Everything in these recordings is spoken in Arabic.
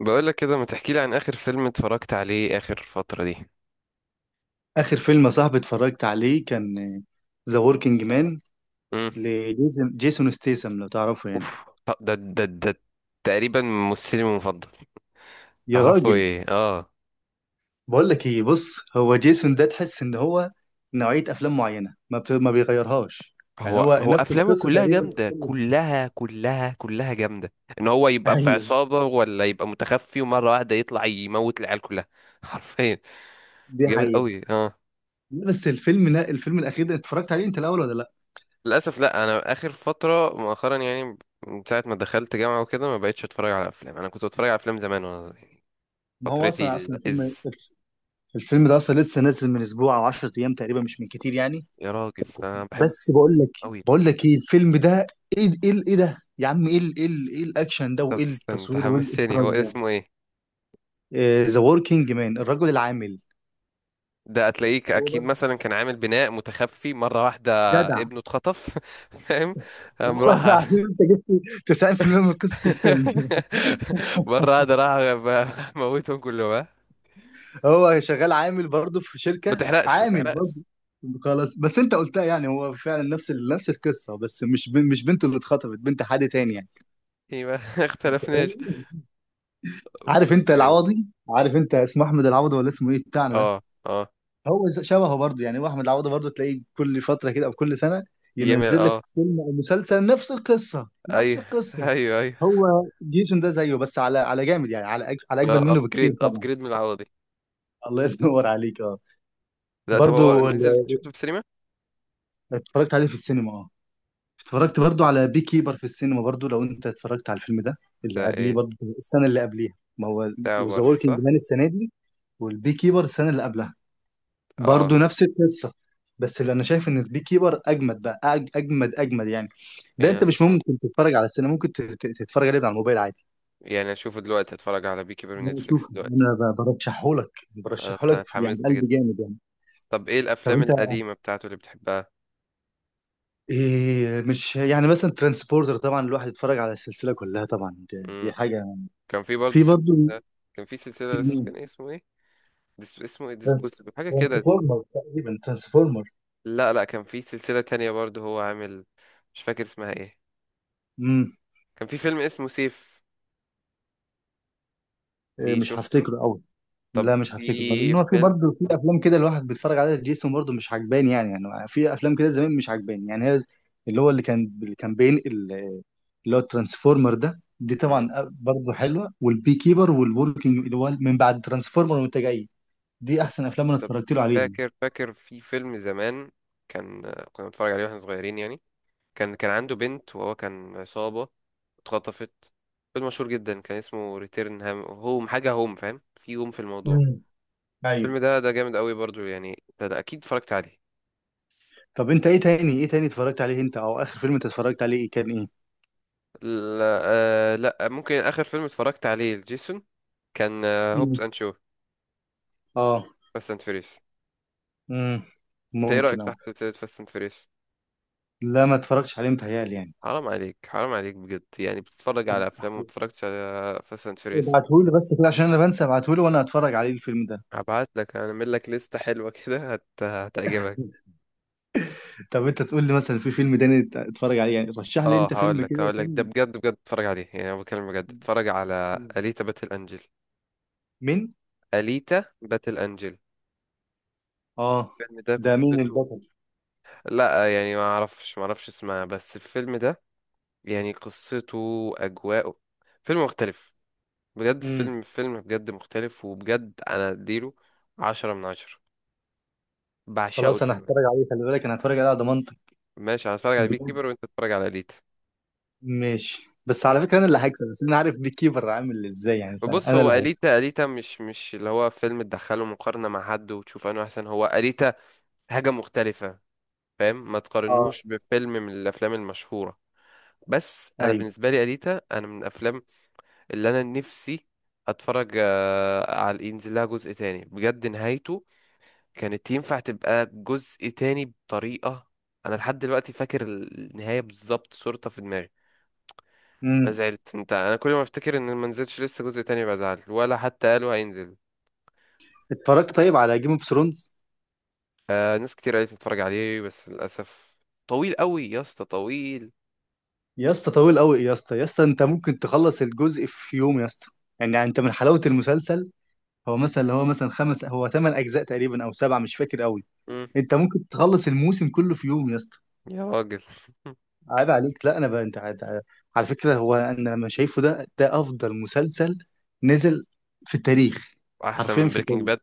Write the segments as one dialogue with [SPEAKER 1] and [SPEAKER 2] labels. [SPEAKER 1] بقول لك كده، ما تحكي لي عن اخر فيلم اتفرجت عليه اخر فترة دي.
[SPEAKER 2] آخر فيلم يا صاحبي اتفرجت عليه كان ذا وركينج مان
[SPEAKER 1] امم
[SPEAKER 2] لجيسون جيسون ستيسم، لو تعرفه يعني.
[SPEAKER 1] اوف، ده تقريبا ممثلي المفضل.
[SPEAKER 2] يا
[SPEAKER 1] تعرفه؟
[SPEAKER 2] راجل،
[SPEAKER 1] ايه، اه.
[SPEAKER 2] بقول لك ايه، بص، هو جيسون ده تحس ان هو نوعية افلام معينة ما بيغيرهاش، يعني
[SPEAKER 1] هو
[SPEAKER 2] هو
[SPEAKER 1] هو
[SPEAKER 2] نفس
[SPEAKER 1] افلامه
[SPEAKER 2] القصة
[SPEAKER 1] كلها
[SPEAKER 2] تقريبا في
[SPEAKER 1] جامدة،
[SPEAKER 2] كل ده.
[SPEAKER 1] كلها كلها كلها جامدة. ان هو يبقى في
[SPEAKER 2] ايوه،
[SPEAKER 1] عصابة ولا يبقى متخفي، ومرة واحدة يطلع يموت العيال كلها حرفيا.
[SPEAKER 2] دي
[SPEAKER 1] جامد
[SPEAKER 2] حقيقة.
[SPEAKER 1] قوي، اه.
[SPEAKER 2] لا، بس الفيلم، لا الفيلم الاخير ده اتفرجت عليه انت الاول ولا لا؟
[SPEAKER 1] للاسف لا، انا اخر فترة مؤخرا يعني. من ساعة ما دخلت جامعة وكده ما بقتش اتفرج على افلام. انا كنت بتفرج على افلام زمان وانا صغير.
[SPEAKER 2] ما هو
[SPEAKER 1] فترتي
[SPEAKER 2] اصلا الفيلم
[SPEAKER 1] العز.
[SPEAKER 2] الفيلم ده اصلا لسه نازل من اسبوع او 10 ايام تقريبا، مش من كتير يعني.
[SPEAKER 1] يا راجل انا بحبه
[SPEAKER 2] بس بقول لك
[SPEAKER 1] قوي.
[SPEAKER 2] بقول لك ايه الفيلم ده، ايه ده يا عم، ايه الاكشن ده،
[SPEAKER 1] طب
[SPEAKER 2] وايه
[SPEAKER 1] استنى، انت
[SPEAKER 2] التصوير، وايه
[SPEAKER 1] حمستني،
[SPEAKER 2] الاخراج
[SPEAKER 1] هو
[SPEAKER 2] ده.
[SPEAKER 1] اسمه ايه؟
[SPEAKER 2] ذا وركينج مان، الرجل العامل.
[SPEAKER 1] ده هتلاقيك
[SPEAKER 2] هو
[SPEAKER 1] اكيد
[SPEAKER 2] برضه
[SPEAKER 1] مثلا كان عامل بناء متخفي مره واحده.
[SPEAKER 2] جدع.
[SPEAKER 1] ابنه اتخطف فاهم؟ قام
[SPEAKER 2] والله
[SPEAKER 1] راح.
[SPEAKER 2] العظيم انت جبت 90% من قصه الفيلم.
[SPEAKER 1] مره واحده راح موتهم كلهم، ها.
[SPEAKER 2] هو شغال عامل برضه في
[SPEAKER 1] ما
[SPEAKER 2] شركه،
[SPEAKER 1] تحرقش، ما
[SPEAKER 2] عامل برضه.
[SPEAKER 1] تحرقش.
[SPEAKER 2] خلاص، بس انت قلتها، يعني هو فعلا نفس القصه، بس مش بنته اللي اتخطفت، بنت حد تاني يعني.
[SPEAKER 1] ايه، ما
[SPEAKER 2] انت فاهم؟
[SPEAKER 1] اختلفناش.
[SPEAKER 2] عارف
[SPEAKER 1] بس
[SPEAKER 2] انت
[SPEAKER 1] كده.
[SPEAKER 2] العوضي؟ عارف انت اسمه احمد العوضي ولا اسمه ايه بتاعنا ده؟
[SPEAKER 1] اه، اه.
[SPEAKER 2] هو شبهه برضه، يعني هو احمد العوضي برضه تلاقيه كل فتره كده او كل سنه
[SPEAKER 1] يمل،
[SPEAKER 2] ينزل لك
[SPEAKER 1] اه.
[SPEAKER 2] فيلم او مسلسل، نفس القصه نفس
[SPEAKER 1] ايوه.
[SPEAKER 2] القصه.
[SPEAKER 1] ايوه، ايوه.
[SPEAKER 2] هو جيسون ده زيه، بس على جامد يعني، على اجمل منه بكتير
[SPEAKER 1] ابجريد،
[SPEAKER 2] طبعا.
[SPEAKER 1] ابجريد من العوضي.
[SPEAKER 2] الله ينور عليك، اه.
[SPEAKER 1] لا طب، هو
[SPEAKER 2] برضه
[SPEAKER 1] نزل
[SPEAKER 2] ال-
[SPEAKER 1] شفته في السينما؟
[SPEAKER 2] اتفرجت عليه في السينما، اه. اتفرجت برضه على بي كيبر في السينما برضه، لو انت اتفرجت على الفيلم ده، اللي
[SPEAKER 1] ده
[SPEAKER 2] قبليه
[SPEAKER 1] ايه؟
[SPEAKER 2] برضه، السنه اللي قبليها. ما هو
[SPEAKER 1] بتاعه
[SPEAKER 2] ذا
[SPEAKER 1] برضه،
[SPEAKER 2] وركينج
[SPEAKER 1] صح.
[SPEAKER 2] مان السنه دي، والبي كيبر السنه اللي قبلها،
[SPEAKER 1] اه.
[SPEAKER 2] برضه نفس القصه. بس اللي انا شايف ان البي كيبر اجمد بقى، اجمد اجمد يعني. ده
[SPEAKER 1] يعني
[SPEAKER 2] انت مش ممكن تتفرج على السينما، ممكن تتفرج عليه من على الموبايل عادي.
[SPEAKER 1] يعني اشوفه دلوقتي؟ هتفرج على بيكي بير من
[SPEAKER 2] لا
[SPEAKER 1] نتفليكس
[SPEAKER 2] شوف،
[SPEAKER 1] دلوقتي.
[SPEAKER 2] انا برشحهولك
[SPEAKER 1] خلاص، انا
[SPEAKER 2] برشحهولك يعني،
[SPEAKER 1] اتحمست
[SPEAKER 2] قلبي
[SPEAKER 1] جدا.
[SPEAKER 2] جامد يعني.
[SPEAKER 1] طب ايه
[SPEAKER 2] طب
[SPEAKER 1] الافلام
[SPEAKER 2] انت،
[SPEAKER 1] القديمه بتاعته اللي بتحبها؟
[SPEAKER 2] إيه، مش يعني مثلا ترانسبورتر؟ طبعا الواحد يتفرج على السلسله كلها طبعا، دي,
[SPEAKER 1] امم
[SPEAKER 2] دي حاجه.
[SPEAKER 1] كان في برضه
[SPEAKER 2] في برضه،
[SPEAKER 1] سلسله. كان في
[SPEAKER 2] في
[SPEAKER 1] سلسله، اسمه كان
[SPEAKER 2] مين؟
[SPEAKER 1] إيه، اسمه ايه؟ اسمه ايه،
[SPEAKER 2] ترانس
[SPEAKER 1] ديسبوسيبل حاجه كده.
[SPEAKER 2] ترانسفورمر تقريبا، ترانسفورمر.
[SPEAKER 1] لا لا، كان في سلسله تانية برضه هو عامل. مش فاكر اسمها ايه.
[SPEAKER 2] امم
[SPEAKER 1] كان في فيلم اسمه سيف.
[SPEAKER 2] إيه،
[SPEAKER 1] ليه،
[SPEAKER 2] مش
[SPEAKER 1] شفته؟
[SPEAKER 2] هفتكره قوي.
[SPEAKER 1] طب
[SPEAKER 2] لا مش هفتكره، لان
[SPEAKER 1] في
[SPEAKER 2] هو في
[SPEAKER 1] فيلم.
[SPEAKER 2] برضه، في افلام كده الواحد بيتفرج عليها جيسون برضه مش عجباني يعني في افلام كده زمان مش عجباني يعني، هي اللي هو، اللي كان بينقل، اللي هو الترانسفورمر ده، دي
[SPEAKER 1] مم.
[SPEAKER 2] طبعا برضه حلوه، والبي كيبر والوركينج اللي هو من بعد ترانسفورمر وانت جاي، دي
[SPEAKER 1] طب
[SPEAKER 2] احسن افلام انا
[SPEAKER 1] طب.
[SPEAKER 2] اتفرجت له عليهم.
[SPEAKER 1] فاكر فاكر في فيلم زمان. كان كنا بنتفرج عليه واحنا صغيرين يعني. كان عنده بنت وهو كان عصابة. اتخطفت. فيلم مشهور جدا كان اسمه ريتيرن هام هوم حاجة، هوم، فاهم؟ في هوم في الموضوع.
[SPEAKER 2] امم، ايوه.
[SPEAKER 1] الفيلم ده جامد قوي برضو يعني، ده أكيد اتفرجت عليه.
[SPEAKER 2] طب انت ايه تاني، ايه تاني اتفرجت عليه انت؟ او اخر فيلم انت اتفرجت عليه ايه، كان ايه؟
[SPEAKER 1] لا، آه لا، ممكن آخر فيلم اتفرجت عليه لجيسون كان هوبس
[SPEAKER 2] امم.
[SPEAKER 1] أند شو،
[SPEAKER 2] اه.
[SPEAKER 1] فاست أند فيريس.
[SPEAKER 2] امم،
[SPEAKER 1] أنت إيه
[SPEAKER 2] ممكن،
[SPEAKER 1] رأيك، صح،
[SPEAKER 2] اه.
[SPEAKER 1] في سلسلة فاست أند فيريس؟
[SPEAKER 2] لا ما اتفرجتش عليه متهيألي.
[SPEAKER 1] حرام عليك، حرام عليك بجد، يعني بتتفرج على
[SPEAKER 2] يعني
[SPEAKER 1] أفلام وما بتتفرجش على فاست أند فيريس؟
[SPEAKER 2] ابعتهولي بس كده عشان انا بنسى، ابعتهولي وانا هتفرج عليه الفيلم ده.
[SPEAKER 1] هبعت لك، هعمل لك لستة حلوة كده هتعجبك.
[SPEAKER 2] طب انت تقول لي مثلا في فيلم تاني اتفرج عليه يعني، رشح لي
[SPEAKER 1] اه،
[SPEAKER 2] انت
[SPEAKER 1] هقول
[SPEAKER 2] فيلم
[SPEAKER 1] لك
[SPEAKER 2] كده،
[SPEAKER 1] هقول لك ده،
[SPEAKER 2] فيلم.
[SPEAKER 1] بجد بجد اتفرج عليه، يعني انا بتكلم بجد. اتفرج على اليتا باتل انجل.
[SPEAKER 2] مين؟
[SPEAKER 1] اليتا باتل انجل.
[SPEAKER 2] اه.
[SPEAKER 1] الفيلم ده
[SPEAKER 2] ده مين
[SPEAKER 1] قصته...
[SPEAKER 2] البطل؟
[SPEAKER 1] لا يعني ما اعرفش ما اعرفش اسمها، بس الفيلم ده يعني قصته، اجواءه، فيلم مختلف. بجد
[SPEAKER 2] امم.
[SPEAKER 1] فيلم فيلم بجد مختلف، وبجد انا اديله 10/10. بعشقه
[SPEAKER 2] خلاص، انا
[SPEAKER 1] الفيلم ده.
[SPEAKER 2] هتفرج عليه، خلي بالك انا هتفرج عليه على ضمانتك.
[SPEAKER 1] ماشي، انا هتفرج على بيك
[SPEAKER 2] بجد؟
[SPEAKER 1] كيبر وانت تتفرج على اليتا.
[SPEAKER 2] ماشي، بس على فكره انا اللي هكسب، بس انا عارف بيك كيبر عامل ازاي يعني، فانا
[SPEAKER 1] بص
[SPEAKER 2] انا
[SPEAKER 1] هو
[SPEAKER 2] اللي هكسب.
[SPEAKER 1] أليتا، أليتا مش اللي هو فيلم تدخله مقارنة مع حد وتشوف انه احسن. هو أليتا حاجة مختلفة. فاهم؟ ما
[SPEAKER 2] اه.
[SPEAKER 1] تقارنوش بفيلم من الافلام المشهوره. بس انا
[SPEAKER 2] ايوه.
[SPEAKER 1] بالنسبه لي اليتا انا من الافلام اللي انا نفسي اتفرج على ينزل لها جزء تاني. بجد نهايته كانت ينفع تبقى جزء تاني بطريقه. انا لحد دلوقتي فاكر النهايه بالظبط، صورتها في دماغي. انا
[SPEAKER 2] امم.
[SPEAKER 1] زعلت، انت انا كل ما افتكر ان ما نزلش لسه جزء تاني بزعل، ولا حتى قالوا هينزل.
[SPEAKER 2] اتفرجت طيب على جيم اوف ثرونز؟
[SPEAKER 1] آه، ناس كتير قالت تتفرج عليه بس للاسف طويل قوي يا اسطى، طويل.
[SPEAKER 2] يا اسطى طويل قوي، يا اسطى يا اسطى، انت ممكن تخلص الجزء في يوم يا اسطى، يعني انت من حلاوه المسلسل. هو مثلا، اللي هو مثلا خمس، هو ثمان اجزاء تقريبا او سبعه، مش فاكر قوي.
[SPEAKER 1] مم.
[SPEAKER 2] انت ممكن تخلص الموسم كله في يوم يا اسطى.
[SPEAKER 1] يا راجل،
[SPEAKER 2] عيب عليك. لا انا بقى، انت على فكره، هو انا لما شايفه ده افضل مسلسل نزل في التاريخ،
[SPEAKER 1] احسن
[SPEAKER 2] حرفيا
[SPEAKER 1] من
[SPEAKER 2] في
[SPEAKER 1] بريكنج
[SPEAKER 2] التاريخ.
[SPEAKER 1] باد.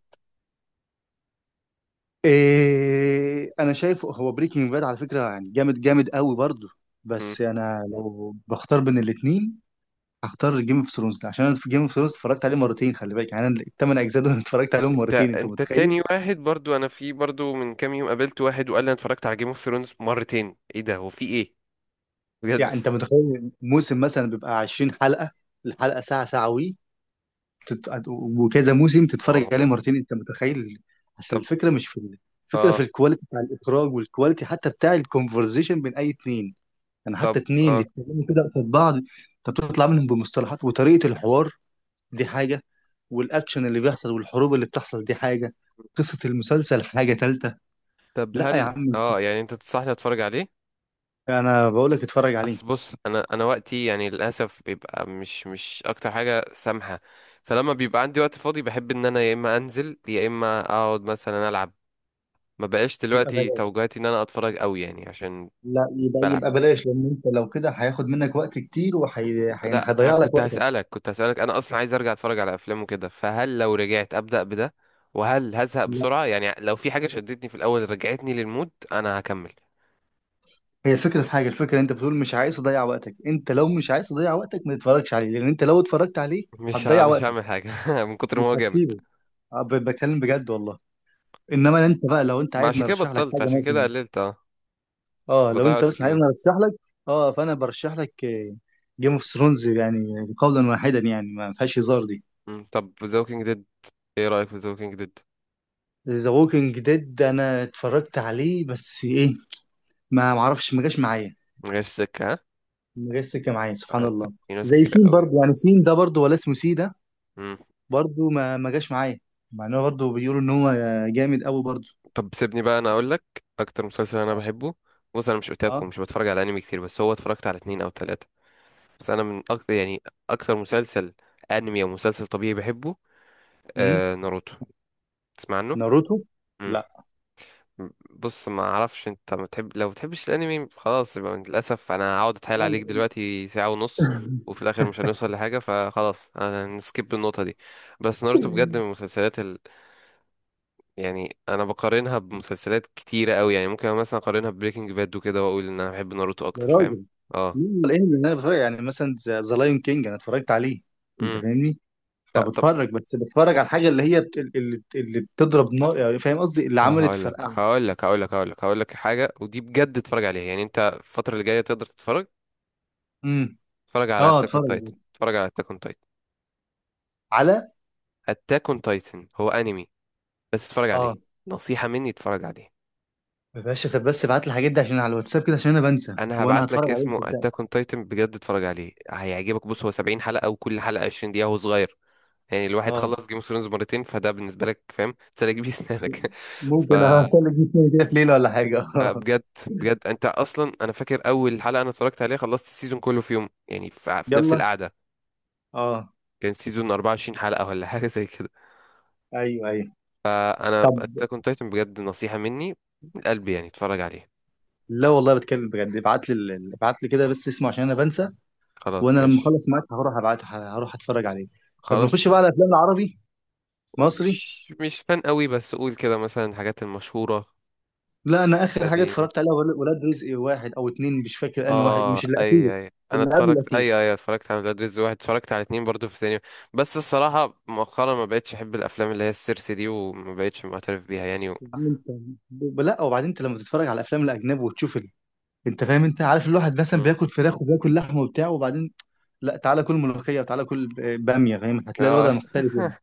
[SPEAKER 2] إيه، انا شايفه هو بريكنج باد على فكره يعني جامد، جامد قوي برضه، بس انا لو بختار بين الاثنين هختار جيم اوف ثرونز، عشان انا في جيم اوف ثرونز اتفرجت عليه مرتين خلي بالك، يعني انا الثمان اجزاء دول اتفرجت عليهم
[SPEAKER 1] انت
[SPEAKER 2] مرتين انت
[SPEAKER 1] انت
[SPEAKER 2] متخيل؟
[SPEAKER 1] تاني واحد برضو، انا في برضو من كام يوم قابلت واحد وقال لي انا اتفرجت على جيم اوف ثرونز مرتين. ايه ده، هو في ايه؟ بجد.
[SPEAKER 2] يعني انت متخيل موسم مثلا بيبقى 20 حلقة، الحلقة ساعة، ساعة وكذا موسم
[SPEAKER 1] واو.
[SPEAKER 2] تتفرج عليه مرتين، انت متخيل؟ بس
[SPEAKER 1] طب،
[SPEAKER 2] الفكرة مش في الفكرة في
[SPEAKER 1] اه،
[SPEAKER 2] الكواليتي بتاع الإخراج، والكواليتي حتى بتاع الكونفرزيشن بين أي اتنين، يعني حتى اتنين
[SPEAKER 1] اه.
[SPEAKER 2] يتكلموا كده قصاد بعض انت بتطلع منهم بمصطلحات وطريقة الحوار، دي حاجة، والأكشن اللي بيحصل والحروب اللي بتحصل دي حاجة، قصة المسلسل حاجة تالتة.
[SPEAKER 1] طب
[SPEAKER 2] لا يا
[SPEAKER 1] هل
[SPEAKER 2] عم،
[SPEAKER 1] يعني انت تنصحني اتفرج عليه؟
[SPEAKER 2] أنا بقول لك اتفرج
[SPEAKER 1] اصل
[SPEAKER 2] عليه.
[SPEAKER 1] بص، انا وقتي يعني للاسف بيبقى مش اكتر حاجه سامحه. فلما بيبقى عندي وقت فاضي بحب ان انا يا اما انزل يا اما اقعد مثلا العب. ما بقاش
[SPEAKER 2] يبقى
[SPEAKER 1] دلوقتي
[SPEAKER 2] بلاش.
[SPEAKER 1] توجهاتي ان انا اتفرج قوي يعني عشان
[SPEAKER 2] لا يبقى
[SPEAKER 1] بلعب.
[SPEAKER 2] يبقى بلاش، لان انت لو كده هياخد منك وقت كتير وهيضيع، وحي... هي-
[SPEAKER 1] لا انا
[SPEAKER 2] هيضيع لك
[SPEAKER 1] كنت
[SPEAKER 2] وقتك.
[SPEAKER 1] هسألك، كنت هسألك، انا اصلا عايز ارجع اتفرج على افلام وكده، فهل لو رجعت ابدأ بده وهل هزهق
[SPEAKER 2] لا
[SPEAKER 1] بسرعة؟ يعني لو في حاجة شدتني في الاول رجعتني للمود انا هكمل.
[SPEAKER 2] هي الفكره في حاجه، الفكره انت بتقول مش عايز اضيع وقتك، انت لو مش عايز تضيع وقتك ما تتفرجش عليه، لان انت لو اتفرجت عليه هتضيع
[SPEAKER 1] مش
[SPEAKER 2] وقتك،
[SPEAKER 1] هعمل حاجة من كتر ما
[SPEAKER 2] مش
[SPEAKER 1] هو جامد.
[SPEAKER 2] هتسيبه. أه، بتكلم بجد والله. انما انت بقى لو انت
[SPEAKER 1] ما
[SPEAKER 2] عايز
[SPEAKER 1] عشان كده
[SPEAKER 2] نرشح لك
[SPEAKER 1] بطلت،
[SPEAKER 2] حاجه
[SPEAKER 1] عشان كده
[SPEAKER 2] مثلا،
[SPEAKER 1] قللت، اه. كنت
[SPEAKER 2] اه لو
[SPEAKER 1] بضيع
[SPEAKER 2] انت
[SPEAKER 1] وقت
[SPEAKER 2] مثلا عايز
[SPEAKER 1] جميل.
[SPEAKER 2] نرشح لك، اه فانا برشح لك جيم اوف ثرونز، يعني قولا واحدا، يعني ما فيهاش هزار دي.
[SPEAKER 1] طب The Walking Dead. ايه رأيك في The Walking Dead؟
[SPEAKER 2] ذا ووكينج ديد انا اتفرجت عليه، بس ايه، ما معرفش ما جاش معايا.
[SPEAKER 1] مجاش سكة، ها؟
[SPEAKER 2] ما جاش سكه معايا، سبحان
[SPEAKER 1] آه،
[SPEAKER 2] الله.
[SPEAKER 1] في ناس
[SPEAKER 2] زي
[SPEAKER 1] كتير
[SPEAKER 2] سين
[SPEAKER 1] قوي
[SPEAKER 2] برضو
[SPEAKER 1] قوي.
[SPEAKER 2] يعني، سين ده برضو، ولا اسمه سي ده،
[SPEAKER 1] مم،
[SPEAKER 2] برضو ما جاش معايا، مع انه برضو بيقولوا ان هو جامد قوي برضو.
[SPEAKER 1] طب سيبني بقى انا اقول لك اكتر مسلسل انا
[SPEAKER 2] اه.
[SPEAKER 1] بحبه. بص انا مش
[SPEAKER 2] اه.
[SPEAKER 1] اوتاكو، مش بتفرج على انمي كتير، بس هو اتفرجت على اتنين او تلاتة. بس انا من اكتر يعني، اكتر مسلسل، انمي او مسلسل طبيعي بحبه،
[SPEAKER 2] امم.
[SPEAKER 1] آه ناروتو. تسمع عنه؟
[SPEAKER 2] ناروتو؟
[SPEAKER 1] مم.
[SPEAKER 2] لا.
[SPEAKER 1] بص ما اعرفش انت، ما تحب، لو بتحبش الانمي خلاص يبقى للاسف انا هقعد اتحايل
[SPEAKER 2] لا،
[SPEAKER 1] عليك
[SPEAKER 2] لا.
[SPEAKER 1] دلوقتي ساعة ونص، وفي الاخر مش هنوصل لحاجة، فخلاص انا نسكيب النقطة دي. بس ناروتو بجد من المسلسلات يعني انا بقارنها بمسلسلات كتيرة قوي، يعني ممكن مثلا اقارنها ببريكنج باد وكده واقول ان انا بحب ناروتو
[SPEAKER 2] يا
[SPEAKER 1] اكتر. فاهم؟
[SPEAKER 2] راجل،
[SPEAKER 1] اه.
[SPEAKER 2] مين الانمي اللي انا بتفرج؟ يعني مثلا ذا لاين كينج انا اتفرجت عليه، انت
[SPEAKER 1] امم
[SPEAKER 2] فاهمني،
[SPEAKER 1] لا طب،
[SPEAKER 2] فبتفرج بس، بتفرج على الحاجه اللي هي اللي بتضرب نار، يعني فاهم قصدي، اللي عملت
[SPEAKER 1] هقول لك
[SPEAKER 2] فرقعه.
[SPEAKER 1] هقول لك هقول لك هقول لك هقول لك حاجه ودي بجد اتفرج عليها، يعني انت الفتره اللي جايه تقدر تتفرج.
[SPEAKER 2] امم.
[SPEAKER 1] اتفرج على
[SPEAKER 2] اه،
[SPEAKER 1] اتاك اون
[SPEAKER 2] اتفرج
[SPEAKER 1] تايتن، اتفرج على اتاك اون تايتن.
[SPEAKER 2] على على-
[SPEAKER 1] اتاك اون تايتن هو انمي، بس اتفرج
[SPEAKER 2] اه
[SPEAKER 1] عليه. نصيحه مني، اتفرج عليه.
[SPEAKER 2] يا باشا. طب بس ابعت لي الحاجات دي عشان على الواتساب كده، عشان انا بنسى،
[SPEAKER 1] انا
[SPEAKER 2] وانا
[SPEAKER 1] هبعت لك
[SPEAKER 2] هتفرج عليهم
[SPEAKER 1] اسمه
[SPEAKER 2] صدقني.
[SPEAKER 1] اتاك اون تايتن، بجد اتفرج عليه هيعجبك. بص هو 70 حلقه وكل حلقه 20 دقيقه، هو صغير. يعني الواحد
[SPEAKER 2] اه،
[SPEAKER 1] خلص جيم اوف ثرونز مرتين، فده بالنسبه لك فاهم تسلك بيه سنانك ف...
[SPEAKER 2] ممكن اسلك جسمي كده في ليله ولا حاجه.
[SPEAKER 1] بجد، بجد انت اصلا. انا فاكر اول حلقه انا اتفرجت عليها خلصت السيزون كله في يوم، يعني في نفس
[SPEAKER 2] يلا.
[SPEAKER 1] القعده.
[SPEAKER 2] اه.
[SPEAKER 1] كان سيزون 24 حلقة ولا حاجة زي كده.
[SPEAKER 2] ايوه، ايوه.
[SPEAKER 1] فأنا
[SPEAKER 2] طب.
[SPEAKER 1] أتاك أون تايتن بجد نصيحة مني من قلبي، يعني اتفرج عليه.
[SPEAKER 2] لا والله بتكلم بجد، ابعت لي كده بس اسمه عشان انا بنسى،
[SPEAKER 1] خلاص
[SPEAKER 2] وانا لما
[SPEAKER 1] ماشي.
[SPEAKER 2] اخلص معاك هروح ابعته، هروح اتفرج عليه. طب
[SPEAKER 1] خلاص،
[SPEAKER 2] نخش بقى على افلام العربي، مصري.
[SPEAKER 1] مش فان قوي بس قول كده مثلا الحاجات المشهورة.
[SPEAKER 2] لا انا اخر حاجه
[SPEAKER 1] قديمة؟
[SPEAKER 2] اتفرجت عليها ولاد رزق واحد او اتنين، مش فاكر انهي واحد،
[SPEAKER 1] اه
[SPEAKER 2] مش الاخير،
[SPEAKER 1] اي اي، انا
[SPEAKER 2] اللي قبل
[SPEAKER 1] اتفرجت،
[SPEAKER 2] الاخير.
[SPEAKER 1] اي اي اتفرجت على ولاد رزق واحد، اتفرجت على اتنين برضو في السينما. بس الصراحة مؤخرا ما بقتش احب الافلام اللي هي السيرسي دي، وما بقتش معترف بيها يعني.
[SPEAKER 2] يا عم انت، لا وبعدين انت لما تتفرج على الافلام الاجنبي وتشوف، انت فاهم، انت عارف الواحد مثلا
[SPEAKER 1] و...
[SPEAKER 2] بياكل فراخ وبياكل لحمه وبتاع، وبعدين لا تعالى كل ملوخيه وتعالى كل باميه، فاهم؟ هتلاقي
[SPEAKER 1] اه.
[SPEAKER 2] الوضع مختلف يعني.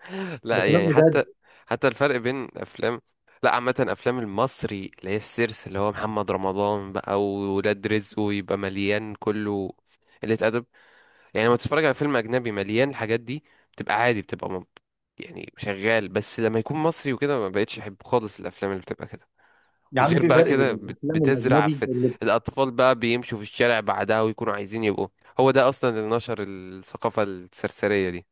[SPEAKER 2] ده
[SPEAKER 1] لا
[SPEAKER 2] كلام
[SPEAKER 1] يعني
[SPEAKER 2] بجد.
[SPEAKER 1] حتى، حتى الفرق بين افلام، لا عامة افلام المصري اللي هي السيرس اللي هو محمد رمضان بقى وولاد رزق، ويبقى مليان كله قلة ادب. يعني لما تتفرج على فيلم اجنبي مليان الحاجات دي بتبقى عادي، بتبقى يعني شغال، بس لما يكون مصري وكده ما بقتش احب خالص الافلام اللي بتبقى كده.
[SPEAKER 2] يا عم
[SPEAKER 1] وغير
[SPEAKER 2] في
[SPEAKER 1] بقى
[SPEAKER 2] فرق بين
[SPEAKER 1] كده
[SPEAKER 2] الافلام
[SPEAKER 1] بتزرع
[SPEAKER 2] الاجنبي
[SPEAKER 1] في
[SPEAKER 2] اللي،
[SPEAKER 1] الاطفال، بقى بيمشوا في الشارع بعدها ويكونوا عايزين يبقوا. هو ده اصلا اللي نشر الثقافة السرسرية دي.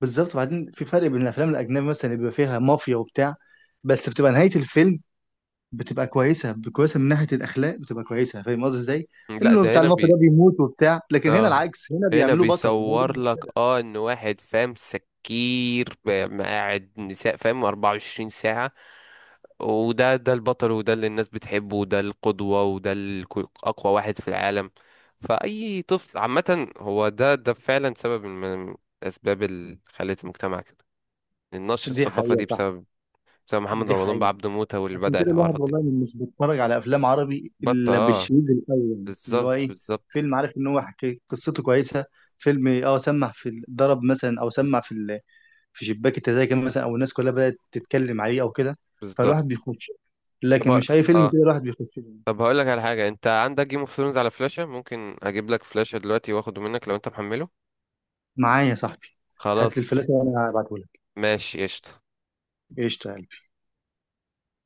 [SPEAKER 2] بالظبط. وبعدين في فرق بين الافلام الاجنبي مثلا اللي بيبقى فيها مافيا وبتاع، بس بتبقى نهايه الفيلم بتبقى كويسه، كويسه من ناحيه الاخلاق بتبقى كويسه، فاهم قصدي ازاي؟
[SPEAKER 1] لا،
[SPEAKER 2] انه
[SPEAKER 1] ده
[SPEAKER 2] بتاع
[SPEAKER 1] هنا،
[SPEAKER 2] المافيا ده بيموت وبتاع، لكن هنا
[SPEAKER 1] اه،
[SPEAKER 2] العكس، هنا
[SPEAKER 1] هنا
[SPEAKER 2] بيعملوه بطل، هو دي
[SPEAKER 1] بيصور لك
[SPEAKER 2] المشكله.
[SPEAKER 1] ان واحد فاهم سكير فاهم قاعد نساء فاهم 24 ساعة، وده البطل، وده اللي الناس بتحبه، وده القدوة، وده اقوى واحد في العالم. فأي طفل عامة، هو ده فعلا سبب من الأسباب اللي خلت المجتمع كده. النشر
[SPEAKER 2] دي
[SPEAKER 1] الثقافة
[SPEAKER 2] حقيقه،
[SPEAKER 1] دي
[SPEAKER 2] صح،
[SPEAKER 1] بسبب محمد
[SPEAKER 2] دي
[SPEAKER 1] رمضان،
[SPEAKER 2] حقيقه.
[SPEAKER 1] بعبده موتة، واللي
[SPEAKER 2] عشان
[SPEAKER 1] بدأ
[SPEAKER 2] كده الواحد
[SPEAKER 1] الحوارات دي.
[SPEAKER 2] والله مش بيتفرج على افلام عربي
[SPEAKER 1] بطة،
[SPEAKER 2] الا
[SPEAKER 1] اه.
[SPEAKER 2] بالشريط الاول اللي هو
[SPEAKER 1] بالظبط
[SPEAKER 2] ايه،
[SPEAKER 1] بالظبط
[SPEAKER 2] فيلم عارف ان هو حكي قصته كويسه، فيلم اه سمع في ضرب مثلا، او سمع في في شباك التذاكر مثلا، او الناس كلها بدات تتكلم عليه او كده، فالواحد
[SPEAKER 1] بالظبط.
[SPEAKER 2] بيخش.
[SPEAKER 1] طب-
[SPEAKER 2] لكن مش اي فيلم
[SPEAKER 1] اه.
[SPEAKER 2] كده الواحد بيخش له.
[SPEAKER 1] طب هقول لك على حاجه، انت عندك جيم اوف ثرونز على فلاشه؟ ممكن اجيب لك فلاشه دلوقتي واخده منك لو انت محمله.
[SPEAKER 2] معايا يا صاحبي. هات لي
[SPEAKER 1] خلاص
[SPEAKER 2] الفلاسه وانا هبعته لك.
[SPEAKER 1] ماشي، قشطه.
[SPEAKER 2] ايش؟